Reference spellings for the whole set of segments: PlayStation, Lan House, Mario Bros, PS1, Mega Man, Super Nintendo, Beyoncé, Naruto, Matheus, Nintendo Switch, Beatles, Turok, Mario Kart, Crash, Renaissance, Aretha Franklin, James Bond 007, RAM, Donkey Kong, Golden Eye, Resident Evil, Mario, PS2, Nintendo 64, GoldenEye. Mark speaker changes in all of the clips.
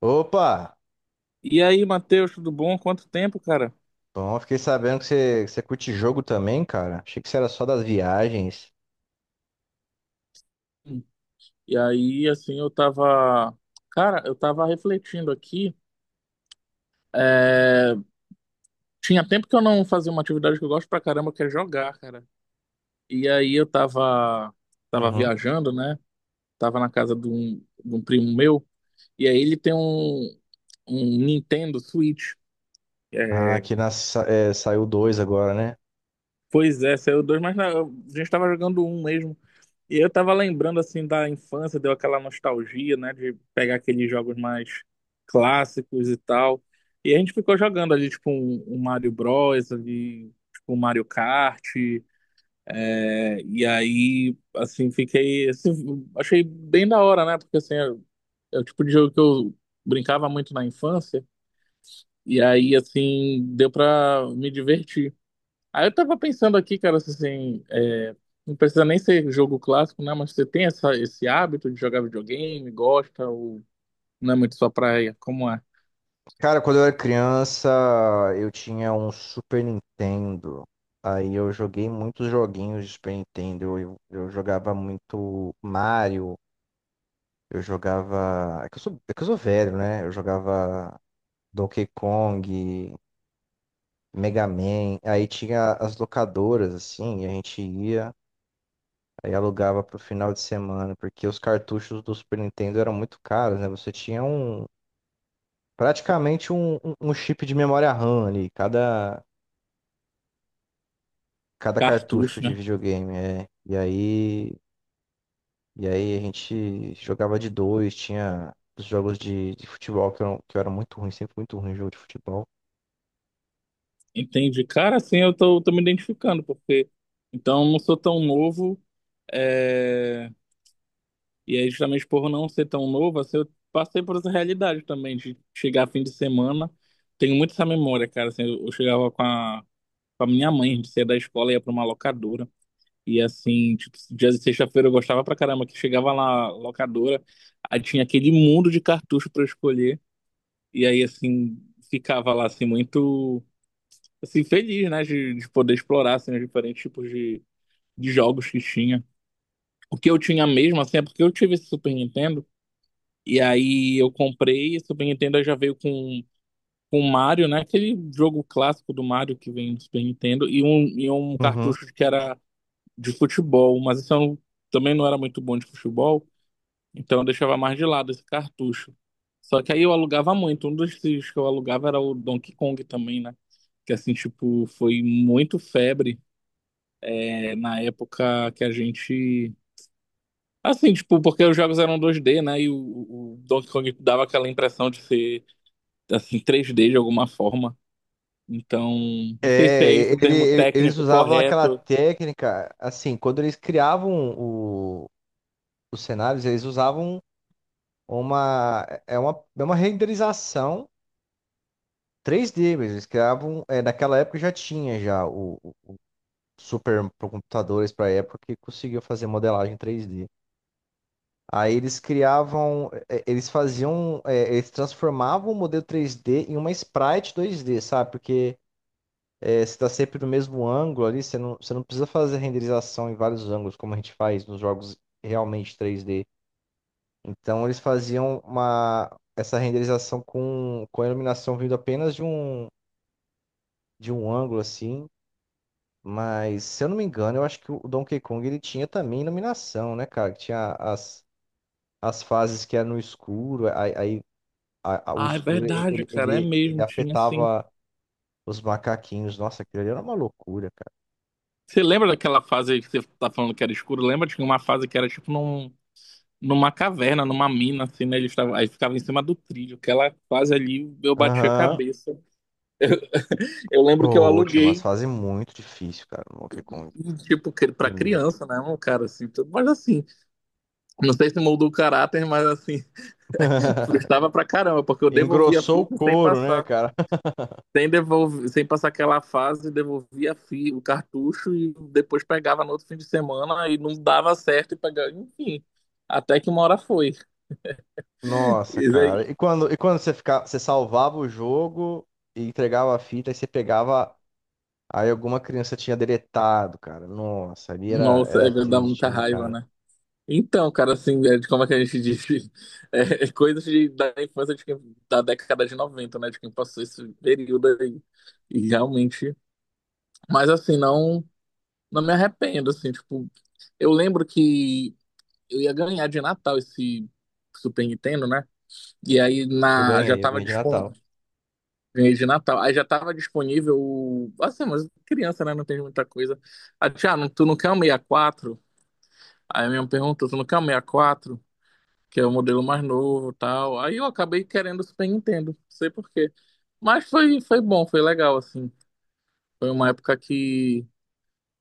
Speaker 1: Opa!
Speaker 2: E aí, Matheus, tudo bom? Quanto tempo, cara?
Speaker 1: Bom, fiquei sabendo que você curte jogo também, cara. Achei que você era só das viagens.
Speaker 2: E aí, assim, eu tava. Cara, eu tava refletindo aqui. é, Tinha tempo que eu não fazia uma atividade que eu gosto pra caramba, que é jogar, cara. E aí eu tava. Tava
Speaker 1: Uhum.
Speaker 2: viajando, né? Tava na casa de um primo meu. E aí ele tem um Nintendo Switch.
Speaker 1: Ah,
Speaker 2: É,
Speaker 1: aqui na, sa- é, saiu dois agora, né?
Speaker 2: Pois é, saiu dois, mas a gente tava jogando um mesmo. E eu tava lembrando assim da infância, deu aquela nostalgia, né, de pegar aqueles jogos mais clássicos e tal. E a gente ficou jogando ali tipo um Mario Bros, ali tipo um Mario Kart, e aí assim fiquei, assim, achei bem da hora, né? Porque assim, é o tipo de jogo que eu brincava muito na infância, e aí assim deu pra me divertir. Aí eu tava pensando aqui, cara, assim, não precisa nem ser jogo clássico, né? Mas você tem essa, esse hábito de jogar videogame, gosta, ou não é muito sua praia, como é?
Speaker 1: Cara, quando eu era criança, eu tinha um Super Nintendo. Aí eu joguei muitos joguinhos de Super Nintendo. Eu jogava muito Mario. Eu jogava. É que eu sou velho, né? Eu jogava Donkey Kong, Mega Man. Aí tinha as locadoras, assim, e a gente ia. Aí alugava pro final de semana, porque os cartuchos do Super Nintendo eram muito caros, né? Você tinha um praticamente um chip de memória RAM ali, cada cartucho
Speaker 2: Cartucho,
Speaker 1: de
Speaker 2: né?
Speaker 1: videogame, é. E aí a gente jogava de dois, tinha os jogos de futebol que eram, que eu era muito ruim, sempre muito ruim em jogo de futebol.
Speaker 2: Entende? Cara, assim, eu tô me identificando, porque então eu não sou tão novo, é, e aí justamente por não ser tão novo, assim, eu passei por essa realidade também, de chegar fim de semana, tenho muito essa memória, cara, assim, eu chegava com a minha mãe, a gente saía da escola e ia pra uma locadora. E assim, tipo, dia de sexta-feira eu gostava pra caramba, que chegava lá, locadora, aí tinha aquele mundo de cartucho pra eu escolher. E aí, assim, ficava lá, assim, muito, assim, feliz, né, de poder explorar, assim, os diferentes tipos de jogos que tinha. O que eu tinha mesmo, assim, é porque eu tive esse Super Nintendo, e aí eu comprei, esse Super Nintendo aí já veio com o Mario, né, aquele jogo clássico do Mario que vem no Super Nintendo, e um
Speaker 1: Uhum.
Speaker 2: cartucho que era de futebol, mas isso eu não- também não era muito bom de futebol, então eu deixava mais de lado esse cartucho. Só que aí eu alugava muito. Um dos que eu alugava era o Donkey Kong também, né? Que assim, tipo, foi muito febre na época que a gente. Assim, tipo, porque os jogos eram 2D, né? E o Donkey Kong dava aquela impressão de ser, assim, 3D de alguma forma. Então, não sei se é
Speaker 1: É,
Speaker 2: esse o termo
Speaker 1: eles
Speaker 2: técnico
Speaker 1: usavam aquela
Speaker 2: correto.
Speaker 1: técnica, assim, quando eles criavam os cenários, eles usavam uma renderização três d mesmo. Eles criavam, é, naquela época já tinha já o super computadores para época que conseguiu fazer modelagem três d. Aí eles criavam, é, eles faziam, é, eles transformavam o modelo três d em uma sprite dois d, sabe? Porque é, você está sempre no mesmo ângulo ali, você não precisa fazer renderização em vários ângulos como a gente faz nos jogos realmente três d. Então eles faziam uma essa renderização com a iluminação vindo apenas de um ângulo assim, mas se eu não me engano, eu acho que o Donkey Kong ele tinha também iluminação, né, cara? Que tinha as, as fases que era no escuro, aí o
Speaker 2: Ah, é
Speaker 1: escuro
Speaker 2: verdade,
Speaker 1: ele,
Speaker 2: cara, é
Speaker 1: ele, ele
Speaker 2: mesmo, tinha assim.
Speaker 1: afetava os macaquinhos. Nossa, aquilo ali era uma loucura, cara.
Speaker 2: Você lembra daquela fase que você tá falando que era escuro? Lembra de uma fase que era tipo num, numa caverna, numa mina, assim, né? Eles tavam, aí ficava em cima do trilho. Aquela fase ali, eu bati a
Speaker 1: Aham.
Speaker 2: cabeça. Eu lembro que eu
Speaker 1: Ô, tinha umas
Speaker 2: aluguei,
Speaker 1: fases muito difíceis, cara, no Donkey Kong.
Speaker 2: tipo, pra
Speaker 1: Primeiro.
Speaker 2: criança, né? Um cara assim, tudo. Mas assim, não sei se moldou o caráter, mas assim, frustrava pra caramba, porque eu devolvia a
Speaker 1: Engrossou o
Speaker 2: fita sem
Speaker 1: couro, né,
Speaker 2: passar.
Speaker 1: cara?
Speaker 2: Sem, devolver, sem passar aquela fase, devolvia a o cartucho e depois pegava no outro fim de semana e não dava certo e pegava, enfim. Até que uma hora foi.
Speaker 1: Nossa,
Speaker 2: Isso aí.
Speaker 1: cara. E quando você ficava, você salvava o jogo e entregava a fita, e você pegava, aí alguma criança tinha deletado, cara. Nossa, ali era,
Speaker 2: Nossa, é,
Speaker 1: era
Speaker 2: dá
Speaker 1: triste,
Speaker 2: muita
Speaker 1: hein,
Speaker 2: raiva,
Speaker 1: cara.
Speaker 2: né? Então, cara, assim, é de como é que a gente diz? É coisas da infância de quem, da década de noventa, né? De quem passou esse período aí. E realmente. Mas, assim, não me arrependo, assim, tipo. Eu lembro que eu ia ganhar de Natal esse Super Nintendo, né? E aí
Speaker 1: Eu
Speaker 2: já
Speaker 1: ganhei, eu
Speaker 2: tava
Speaker 1: ganhei de Natal.
Speaker 2: disponível. Ganhei de Natal. Aí já tava disponível. Assim, mas criança, né? Não tem muita coisa. Ah, Tiago, tu não quer um 64? Aí a minha pergunta, se não quer o 64, que é o modelo mais novo e tal. Aí eu acabei querendo o Super Nintendo, não sei por quê. Mas foi bom, foi legal, assim. Foi uma época que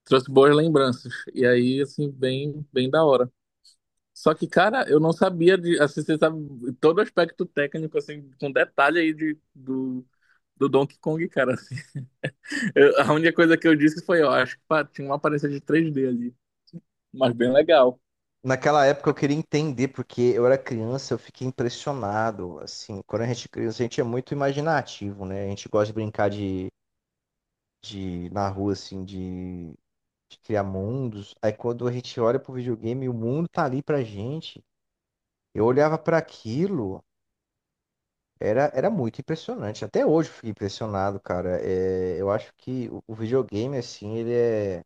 Speaker 2: trouxe boas lembranças. E aí, assim, bem, bem da hora. Só que, cara, eu não sabia de, assim, você sabe todo o aspecto técnico, assim, com detalhe aí de, do Donkey Kong, cara, assim. A única coisa que eu disse foi, ó, acho que pá, tinha uma aparência de 3D ali, mas bem legal.
Speaker 1: Naquela época eu queria entender, porque eu era criança, eu fiquei impressionado. Assim, quando a gente é criança, a gente é muito imaginativo, né? A gente gosta de brincar de na rua, assim, de criar mundos. Aí quando a gente olha pro videogame, o mundo tá ali pra gente. Eu olhava pra aquilo. Era, era muito impressionante. Até hoje eu fiquei impressionado, cara. É, eu acho que o videogame, assim,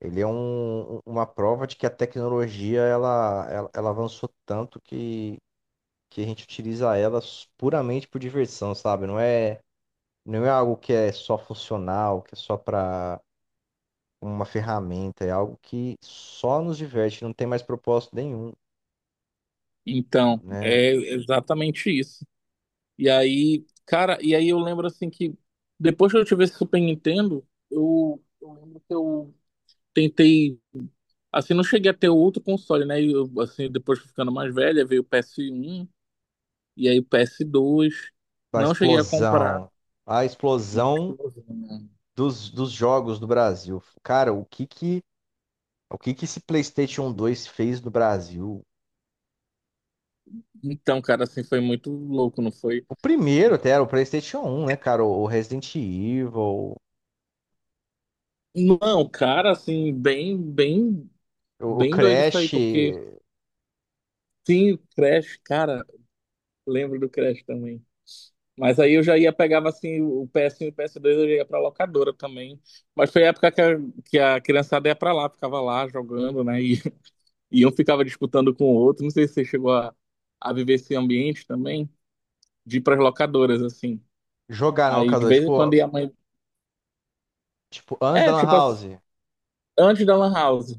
Speaker 1: ele é uma prova de que a tecnologia, ela avançou tanto que a gente utiliza ela puramente por diversão, sabe? Não é algo que é só funcional, que é só para uma ferramenta. É algo que só nos diverte, não tem mais propósito nenhum,
Speaker 2: Então,
Speaker 1: né?
Speaker 2: é exatamente isso. E aí, cara, e aí eu lembro assim que depois que eu tive esse Super Nintendo, eu lembro que eu tentei, assim, não cheguei a ter outro console, né? E eu, assim, depois ficando mais velha, veio o PS1 e aí o PS2.
Speaker 1: A
Speaker 2: Não cheguei a comprar.
Speaker 1: explosão. A
Speaker 2: Mas,
Speaker 1: explosão
Speaker 2: né?
Speaker 1: dos jogos do Brasil. Cara, o que que esse PlayStation dois fez no Brasil?
Speaker 2: Então, cara, assim, foi muito louco, não foi?
Speaker 1: O primeiro até era o PlayStation 1, né, cara? O Resident Evil,
Speaker 2: Não, cara, assim, bem, bem,
Speaker 1: o
Speaker 2: bem doido isso aí,
Speaker 1: Crash,
Speaker 2: porque sim, o Crash, cara, lembro do Crash também. Mas aí eu já ia, pegava assim o PS1 e o PS2, eu já ia pra locadora também. Mas foi a época que a criançada ia pra lá, ficava lá jogando, né? E, e um ficava disputando com o outro. Não sei se você chegou a viver esse ambiente também, de ir pras locadoras, assim.
Speaker 1: jogar na
Speaker 2: Aí de
Speaker 1: locadora,
Speaker 2: vez
Speaker 1: tipo,
Speaker 2: em quando ia a mãe.
Speaker 1: tipo, antes da
Speaker 2: É,
Speaker 1: Lan
Speaker 2: tipo assim,
Speaker 1: House.
Speaker 2: antes da Lan House.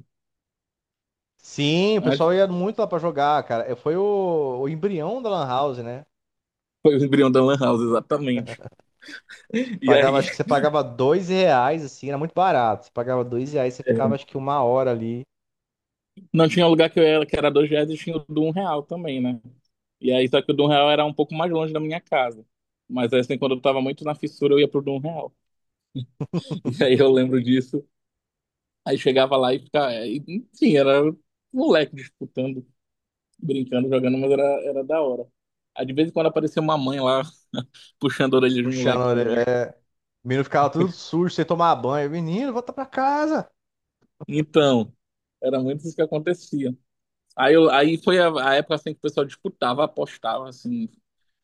Speaker 1: Sim, o
Speaker 2: Antes,
Speaker 1: pessoal ia muito lá pra jogar, cara. É, foi o embrião da Lan House, né?
Speaker 2: foi o embrião da Lan House, exatamente. E
Speaker 1: Pagava,
Speaker 2: aí.
Speaker 1: acho que você pagava dois reais, assim, era muito barato. Você pagava dois reais, você
Speaker 2: é,
Speaker 1: ficava, acho que uma hora ali,
Speaker 2: Não tinha um lugar que eu era, que era R$ 2 e tinha o do R$ 1 também, né? E aí, só que o do R$ 1 era um pouco mais longe da minha casa. Mas assim, quando eu tava muito na fissura, eu ia pro do R$ 1. E aí eu lembro disso. Aí chegava lá e ficava. Enfim, era moleque disputando, brincando, jogando, mas era da hora. Aí de vez em quando aparecia uma mãe lá puxando a orelha de moleque
Speaker 1: puxando
Speaker 2: também.
Speaker 1: é, o menino ficava tudo sujo, sem tomar banho. Menino, volta pra casa.
Speaker 2: Então, era muito isso que acontecia. Aí, aí foi a época assim, que o pessoal disputava, apostava, assim,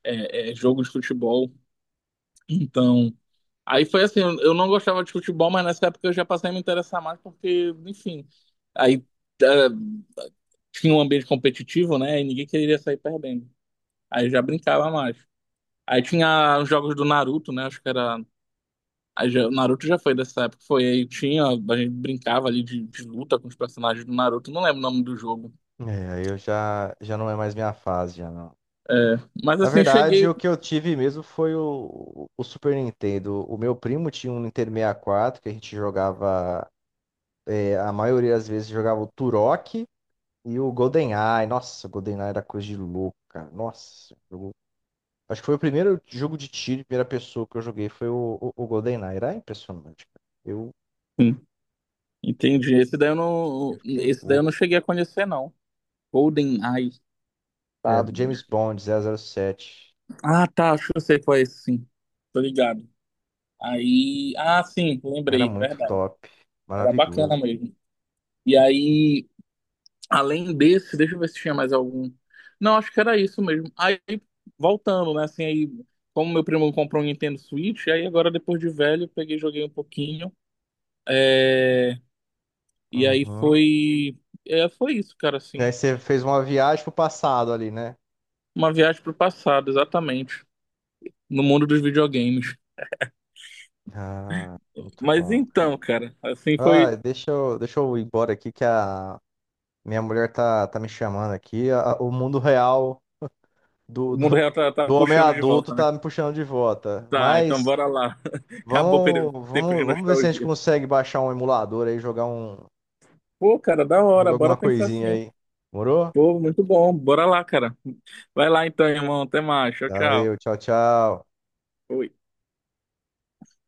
Speaker 2: jogo de futebol. Então, aí foi assim, eu não gostava de futebol, mas nessa época eu já passei a me interessar mais porque, enfim, aí eh, tinha um ambiente competitivo, né? E ninguém queria sair perdendo. Aí eu já brincava mais. Aí tinha os jogos do Naruto, né? Acho que era. O Naruto já foi dessa época. Foi aí, tinha. A gente brincava ali de luta com os personagens do Naruto. Não lembro o nome do jogo.
Speaker 1: É, aí eu já, já não é mais minha fase, já não.
Speaker 2: É, mas
Speaker 1: Na
Speaker 2: assim,
Speaker 1: verdade, o
Speaker 2: cheguei.
Speaker 1: que eu tive mesmo foi o Super Nintendo. O meu primo tinha um Nintendo 64 que a gente jogava, é, a maioria das vezes jogava o Turok e o GoldenEye. Nossa, o GoldenEye era coisa de louco, cara. Nossa, jogo- acho que foi o primeiro jogo de tiro em primeira pessoa que eu joguei foi o GoldenEye. Era impressionante, cara. Eu,
Speaker 2: Sim, entendi. Esse daí eu
Speaker 1: eu
Speaker 2: não,
Speaker 1: fiquei
Speaker 2: esse daí eu
Speaker 1: bobo.
Speaker 2: não cheguei a conhecer, não. Golden Eye,
Speaker 1: É,
Speaker 2: tá?
Speaker 1: do James Bond 007.
Speaker 2: Ah, tá, acho que eu sei qual é esse, sim. Tô ligado. Aí, ah, sim,
Speaker 1: Era
Speaker 2: lembrei,
Speaker 1: muito
Speaker 2: verdade.
Speaker 1: top.
Speaker 2: Era bacana
Speaker 1: Maravilhoso.
Speaker 2: mesmo. E aí, além desse, deixa eu ver se tinha mais algum. Não, acho que era isso mesmo. Aí, voltando, né? Assim, aí, como meu primo comprou um Nintendo Switch, aí agora, depois de velho, eu peguei, e joguei um pouquinho. É, e aí
Speaker 1: Uhum.
Speaker 2: foi. É, foi isso, cara,
Speaker 1: E aí
Speaker 2: assim.
Speaker 1: você fez uma viagem pro passado ali, né?
Speaker 2: Uma viagem pro passado, exatamente. No mundo dos videogames.
Speaker 1: Ah, muito
Speaker 2: Mas
Speaker 1: bom,
Speaker 2: então,
Speaker 1: cara.
Speaker 2: cara, assim
Speaker 1: Ah,
Speaker 2: foi.
Speaker 1: deixa eu ir embora aqui que a minha mulher tá, tá me chamando aqui. A- o mundo real do,
Speaker 2: O mundo
Speaker 1: do,
Speaker 2: real tá
Speaker 1: do homem
Speaker 2: puxando de
Speaker 1: adulto
Speaker 2: volta, né?
Speaker 1: tá me puxando de volta.
Speaker 2: Tá, então
Speaker 1: Mas
Speaker 2: bora lá. Acabou o tempo de
Speaker 1: vamos ver se a gente
Speaker 2: nostalgia.
Speaker 1: consegue baixar um emulador aí, jogar um,
Speaker 2: Pô, cara, da hora,
Speaker 1: jogar alguma
Speaker 2: bora pensar
Speaker 1: coisinha
Speaker 2: assim.
Speaker 1: aí. Morou?
Speaker 2: Pô, muito bom. Bora lá, cara. Vai lá então, irmão. Até mais. Tchau, tchau.
Speaker 1: Valeu, tchau, tchau.
Speaker 2: Fui.